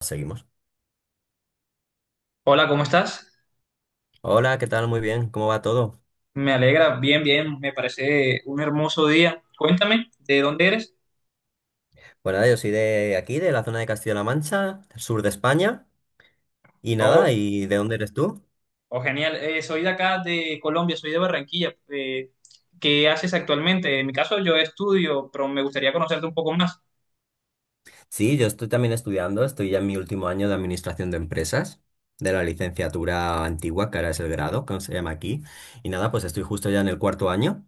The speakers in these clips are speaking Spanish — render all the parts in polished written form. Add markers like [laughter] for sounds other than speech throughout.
Seguimos. Hola, ¿cómo estás? Hola, ¿qué tal? Muy bien, ¿cómo va todo? Me alegra, bien, bien, me parece un hermoso día. Cuéntame, ¿de dónde eres? Bueno, nada, yo soy de aquí, de la zona de Castilla-La Mancha, sur de España. Y Oh, nada, ¿y de dónde eres tú? oh, genial. Soy de acá, de Colombia, soy de Barranquilla. ¿Qué haces actualmente? En mi caso, yo estudio, pero me gustaría conocerte un poco más. Sí, yo estoy también estudiando, estoy ya en mi último año de administración de empresas, de la licenciatura antigua, que ahora es el grado, que se llama aquí. Y nada, pues estoy justo ya en el cuarto año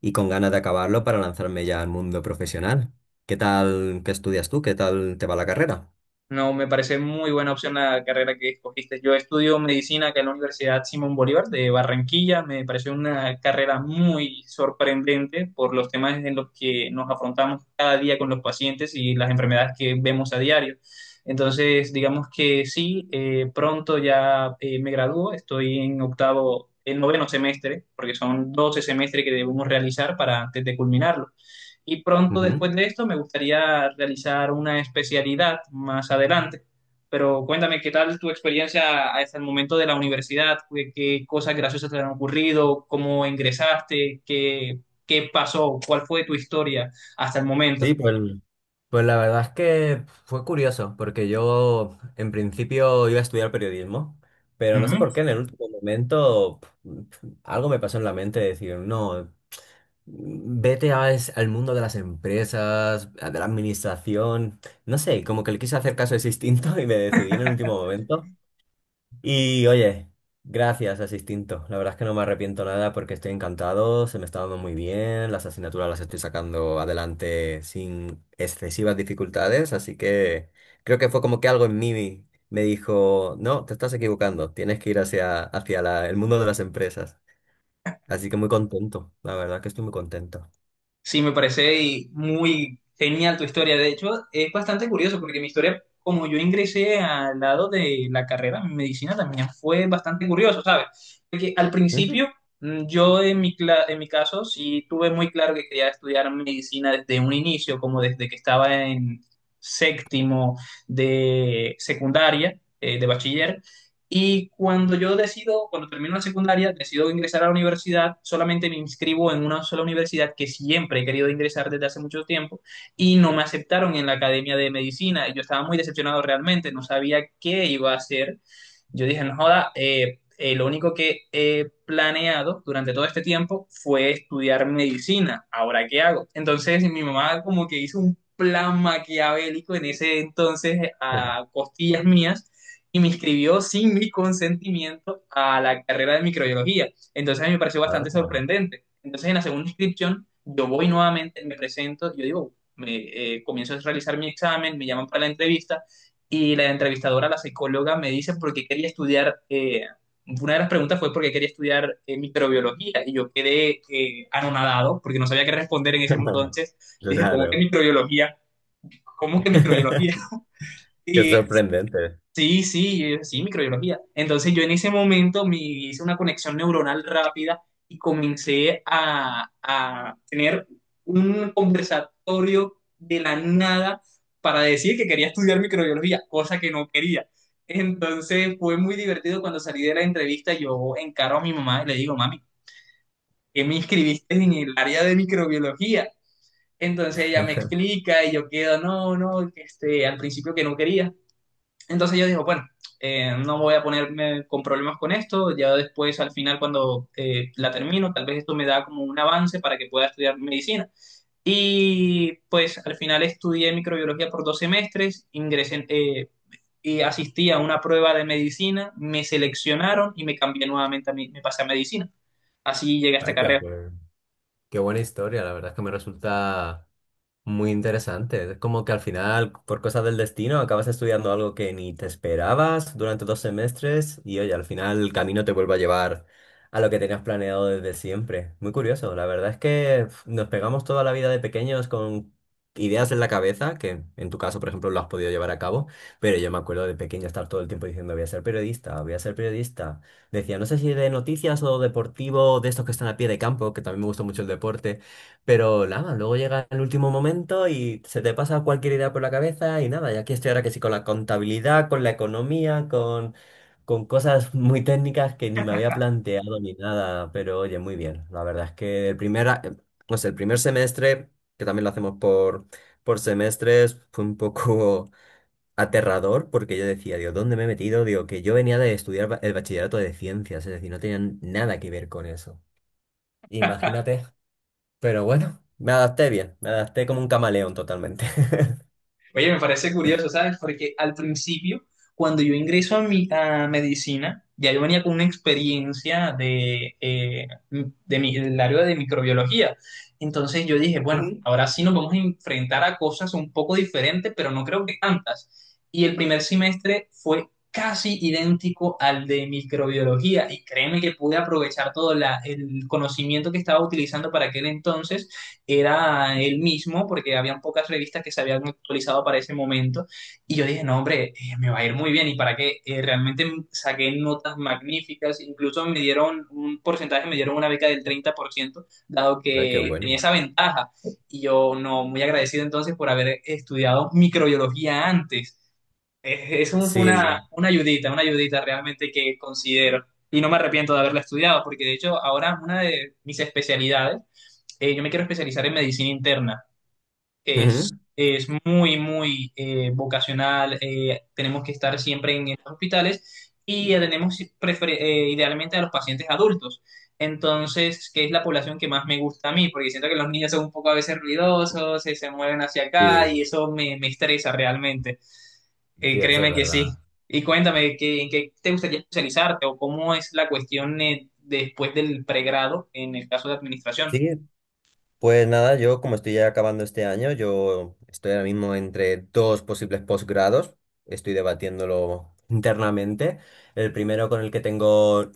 y con ganas de acabarlo para lanzarme ya al mundo profesional. ¿Qué tal? ¿Qué estudias tú? ¿Qué tal te va la carrera? No, me parece muy buena opción la carrera que escogiste. Yo estudio medicina acá en la Universidad Simón Bolívar de Barranquilla. Me pareció una carrera muy sorprendente por los temas en los que nos afrontamos cada día con los pacientes y las enfermedades que vemos a diario. Entonces, digamos que sí, pronto ya me gradúo. Estoy en octavo, el noveno semestre, porque son 12 semestres que debemos realizar para antes de culminarlo. Y pronto Ujú. después de esto me gustaría realizar una especialidad más adelante. Pero cuéntame, ¿qué tal tu experiencia hasta el momento de la universidad? Qué cosas graciosas te han ocurrido? ¿Cómo ingresaste? Qué pasó? ¿Cuál fue tu historia hasta el momento? Sí, pues. Pues la verdad es que fue curioso, porque yo en principio iba a estudiar periodismo, pero no sé por qué en el último momento algo me pasó en la mente de decir, no, vete al mundo de las empresas, de la administración, no sé, como que le quise hacer caso de ese instinto [laughs] y me decidí en el último momento y oye, gracias a ese instinto. La verdad es que no me arrepiento nada porque estoy encantado, se me está dando muy bien, las asignaturas las estoy sacando adelante sin excesivas dificultades, así que creo que fue como que algo en mí me dijo, no, te estás equivocando, tienes que ir hacia el mundo de las empresas. Así que muy contento, la verdad que estoy muy contento. Sí, me parece y muy genial tu historia. De hecho, es bastante curioso porque mi historia, como yo ingresé al lado de la carrera en medicina, también fue bastante curioso, ¿sabes? Porque al Ujú. principio, yo en mi, en mi caso, sí tuve muy claro que quería estudiar medicina desde un inicio, como desde que estaba en séptimo de secundaria, de bachiller. Y cuando yo decido, cuando termino la secundaria, decido ingresar a la universidad, solamente me inscribo en una sola universidad que siempre he querido ingresar desde hace mucho tiempo y no me aceptaron en la Academia de Medicina. Y yo estaba muy decepcionado realmente, no sabía qué iba a hacer. Yo dije, no joda, lo único que he planeado durante todo este tiempo fue estudiar medicina. ¿Ahora qué hago? Entonces mi mamá como que hizo un plan maquiavélico en ese entonces a costillas mías y me inscribió sin mi consentimiento a la carrera de microbiología. Entonces a mí me pareció bastante Anda. sorprendente. Entonces en la segunda inscripción yo voy nuevamente, me presento, yo digo, comienzo a realizar mi examen, me llaman para la entrevista y la entrevistadora, la psicóloga, me dice por qué quería estudiar, una de las preguntas fue por qué quería estudiar microbiología y yo quedé anonadado porque no sabía qué responder en ese entonces. [laughs] Y dije, ¿cómo que Claro. microbiología? ¿Cómo que microbiología? [laughs] [laughs] Qué Y sorprendente. sí, sí, sí, microbiología. Entonces yo en ese momento me hice una conexión neuronal rápida y comencé a tener un conversatorio de la nada para decir que quería estudiar microbiología, cosa que no quería. Entonces fue muy divertido cuando salí de la entrevista, yo encaro a mi mamá y le digo, mami, ¿qué me inscribiste en el área de microbiología? Entonces ella me explica y yo quedo, no, no, que este, al principio que no quería, entonces yo digo, bueno, no voy a ponerme con problemas con esto, ya después al final cuando la termino, tal vez esto me da como un avance para que pueda estudiar medicina. Y pues al final estudié microbiología por dos semestres, y asistí a una prueba de medicina, me seleccionaron y me cambié nuevamente a me pasé a medicina. Así llegué a esta Ay, pues carrera. qué, qué buena historia. La verdad es que me resulta muy interesante. Es como que al final, por cosas del destino, acabas estudiando algo que ni te esperabas durante dos semestres y oye, al final el camino te vuelve a llevar a lo que tenías planeado desde siempre. Muy curioso. La verdad es que nos pegamos toda la vida de pequeños con ideas en la cabeza, que en tu caso, por ejemplo, lo has podido llevar a cabo, pero yo me acuerdo de pequeño estar todo el tiempo diciendo voy a ser periodista, voy a ser periodista. Decía, no sé si de noticias o deportivo, de estos que están a pie de campo, que también me gusta mucho el deporte. Pero nada, luego llega el último momento y se te pasa cualquier idea por la cabeza y nada, y aquí estoy ahora que sí con la contabilidad, con la economía, con cosas muy técnicas que ni me había planteado ni nada, pero oye, muy bien. La verdad es que el no sé, el primer semestre, que también lo hacemos por semestres, fue un poco [laughs] aterrador porque yo decía, Dios, ¿dónde me he metido? Digo, que yo venía de estudiar el bachillerato de ciencias, es decir, no tenía nada que ver con eso. Imagínate, pero bueno, me adapté bien, me adapté como un camaleón totalmente. Oye, me parece curioso, ¿sabes? Porque al principio, cuando yo ingreso a mi a medicina, ya yo venía con una experiencia de, del área de microbiología. Entonces yo dije, [laughs] bueno, Ujú. ahora sí nos vamos a enfrentar a cosas un poco diferentes, pero no creo que tantas. Y el primer semestre fue casi idéntico al de microbiología. Y créeme que pude aprovechar todo el conocimiento que estaba utilizando para aquel entonces era el mismo, porque habían pocas revistas que se habían actualizado para ese momento, y yo dije, no, hombre, me va a ir muy bien, y para qué. Realmente saqué notas magníficas, incluso me dieron un porcentaje, me dieron una beca del 30% dado Ay, qué que bueno. tenía esa ventaja, y yo, no, muy agradecido entonces por haber estudiado microbiología antes. Eso fue Sí, una ayudita realmente que considero. Y no me arrepiento de haberla estudiado, porque de hecho ahora una de mis especialidades, yo me quiero especializar en medicina interna. Es, ujú. es muy, muy vocacional. Tenemos que estar siempre en los hospitales y atendemos idealmente a los pacientes adultos. Entonces, que es la población que más me gusta a mí, porque siento que los niños son un poco a veces ruidosos, se mueven hacia acá y Sí, eso me estresa realmente. Sí, eso es Créeme que sí. verdad. Y cuéntame, ¿qué, en qué te gustaría especializarte o cómo es la cuestión después del pregrado en el caso de administración? Sí, pues nada, yo como estoy ya acabando este año, yo estoy ahora mismo entre dos posibles posgrados, estoy debatiéndolo internamente. El primero con el que tengo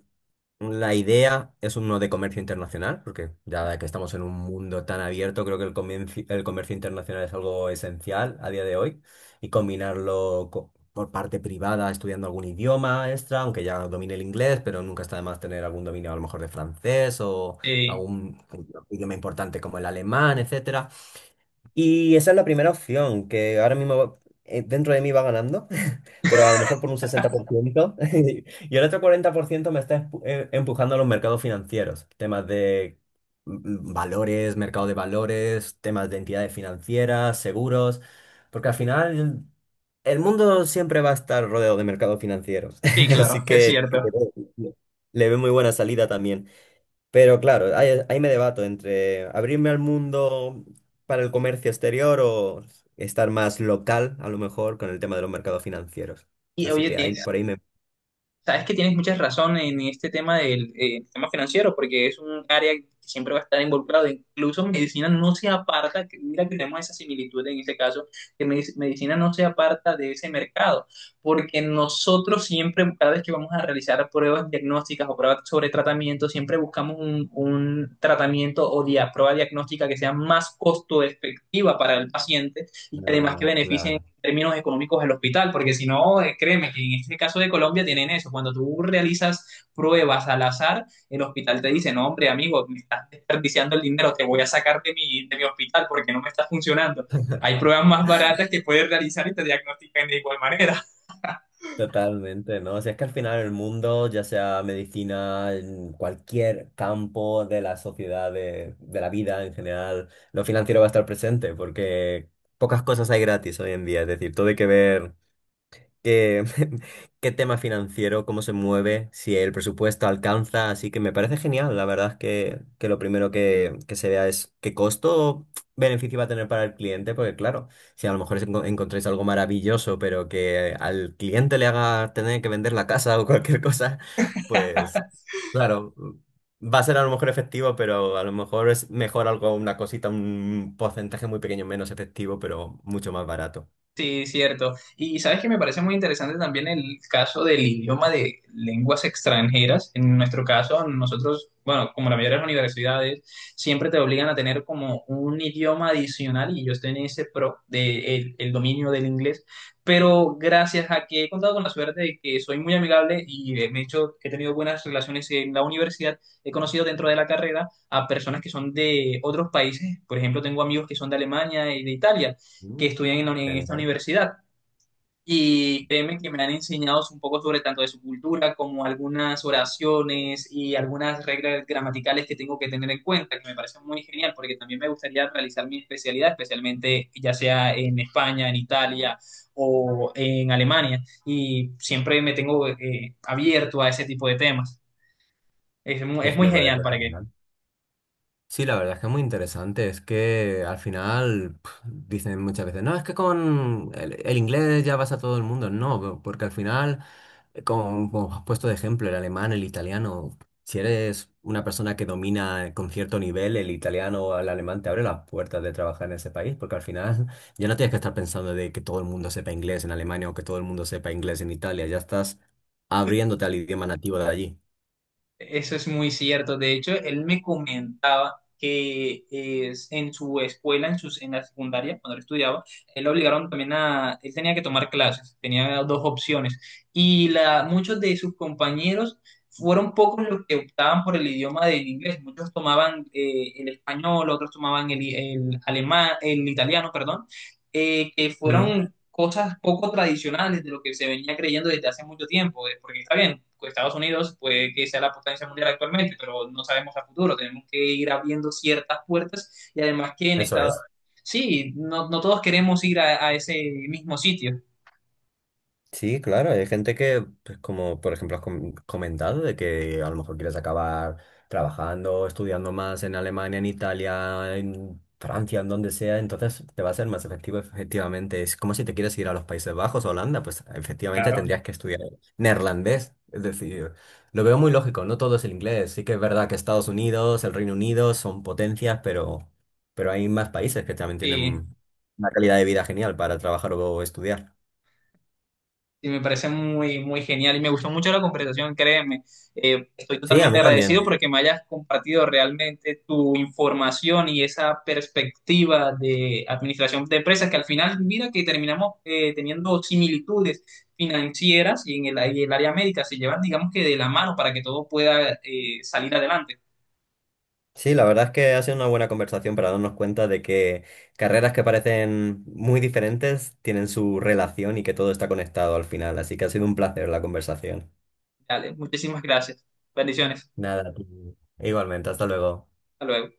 la idea es uno de comercio internacional, porque ya que estamos en un mundo tan abierto, creo que el comercio internacional es algo esencial a día de hoy y por parte privada estudiando algún idioma extra, aunque ya domine el inglés, pero nunca está de más tener algún dominio a lo mejor de francés o Eh, algún idioma importante como el alemán, etcétera. Y esa es la primera opción que ahora mismo dentro de mí va ganando, pero a lo mejor por un 60%. [laughs] Y el otro 40% me está empujando a los mercados financieros, temas de valores, mercado de valores, temas de entidades financieras, seguros, porque al final el mundo siempre va a estar rodeado de mercados financieros. Sí, [laughs] claro, Así [laughs] es que cierto. Le veo muy buena salida también. Pero claro, ahí me debato entre abrirme al mundo para el comercio exterior o estar más local, a lo mejor, con el tema de los mercados financieros. Y Así oye, que ahí por ahí me... sabes que tienes muchas razón en este tema del tema financiero, porque es un área que siempre va a estar involucrado. Incluso medicina no se aparta, que mira que tenemos esa similitud en este caso, que medicina no se aparta de ese mercado, porque nosotros siempre, cada vez que vamos a realizar pruebas diagnósticas o pruebas sobre tratamiento, siempre buscamos un tratamiento o prueba diagnóstica que sea más costo efectiva para el paciente y que además que Ah, beneficie claro. términos económicos al hospital, porque si no, créeme que en este caso de Colombia tienen eso, cuando tú realizas pruebas al azar, el hospital te dice, no, hombre, amigo, me estás desperdiciando el dinero, te voy a sacar de de mi hospital porque no me está funcionando. Hay pruebas más baratas que puedes realizar y te diagnostican de igual manera. Totalmente, ¿no? O sea, es que al final el mundo, ya sea medicina, en cualquier campo de la sociedad, de la vida en general, lo financiero va a estar presente porque pocas cosas hay gratis hoy en día. Es decir, todo hay que ver qué, [laughs] qué tema financiero, cómo se mueve, si el presupuesto alcanza, así que me parece genial. La verdad es que, que lo primero que se vea es qué costo beneficio va a tener para el cliente, porque claro, si a lo mejor encontráis algo maravilloso, pero que al cliente le haga tener que vender la casa [laughs] o cualquier cosa, pues claro, va a ser a lo mejor efectivo, pero a lo mejor es mejor algo, una cosita, un porcentaje muy pequeño menos efectivo, pero mucho más barato. Sí, cierto. Y sabes que me parece muy interesante también el caso del idioma de lenguas extranjeras. En nuestro caso, nosotros, bueno, como la mayoría de las universidades, siempre te obligan a tener como un idioma adicional y yo estoy en ese pro de el dominio del inglés. Pero gracias a que he contado con la suerte de que soy muy amigable y me he hecho, he tenido buenas relaciones en la universidad, he conocido dentro de la carrera a personas que son de otros países. Por ejemplo, tengo amigos que son de Alemania y de Italia Mm. que estudian en esta Genial. universidad. Y créeme que me han enseñado un poco sobre tanto de su cultura como algunas oraciones y algunas reglas gramaticales que tengo que tener en cuenta, que me parece muy genial, porque también me gustaría realizar mi especialidad, especialmente ya sea en España, en Italia o en Alemania. Y siempre me tengo abierto a ese tipo de temas. Es Pues muy me parece genial, ¿para qué? genial. Sí, la verdad es que es muy interesante. Es que al final dicen muchas veces, no, es que con el inglés ya vas a todo el mundo. No, porque al final, como has puesto de ejemplo, el alemán, el italiano, si eres una persona que domina con cierto nivel el italiano o el alemán, te abre las puertas de trabajar en ese país, porque al final [laughs] ya no tienes que estar pensando de que todo el mundo sepa inglés en Alemania o que todo el mundo sepa inglés en Italia. Ya estás abriéndote al idioma nativo de allí. Eso es muy cierto. De hecho, él me comentaba que es, en su escuela, en, sus, en la secundaria, cuando él estudiaba, él lo obligaron también a, él tenía que tomar clases, tenía dos opciones. Y muchos de sus compañeros fueron pocos los que optaban por el idioma del inglés. Muchos tomaban el español, otros tomaban el alemán, el italiano, perdón. Que Mm. fueron cosas poco tradicionales de lo que se venía creyendo desde hace mucho tiempo, porque está bien, pues Estados Unidos puede que sea la potencia mundial actualmente, pero no sabemos a futuro, tenemos que ir abriendo ciertas puertas y además que en Eso Estados es. sí, no, no todos queremos ir a ese mismo sitio. Sí, claro, hay gente que, pues como por ejemplo has comentado, de que a lo mejor quieres acabar trabajando, estudiando más en Alemania, en Italia, en Francia, en donde sea, entonces te va a ser más efectivo efectivamente. Es como si te quieres ir a los Países Bajos, a Holanda, pues efectivamente Claro. tendrías que estudiar neerlandés. Es decir, lo veo muy lógico, no todo es el inglés. Sí que es verdad que Estados Unidos, el Reino Unido son potencias, pero hay más países que también Sí, tienen una calidad de vida genial para trabajar o estudiar. y me parece muy, muy genial y me gustó mucho la conversación, créeme. Estoy Sí, a totalmente mí agradecido también. porque me hayas compartido realmente tu información y esa perspectiva de administración de empresas que al final, mira que terminamos teniendo similitudes financieras y en y el área médica se llevan, digamos que de la mano para que todo pueda salir adelante. Sí, la verdad es que ha sido una buena conversación para darnos cuenta de que carreras que parecen muy diferentes tienen su relación y que todo está conectado al final. Así que ha sido un placer la conversación. Dale, muchísimas gracias. Bendiciones. Nada, a igualmente, hasta luego. Hasta luego.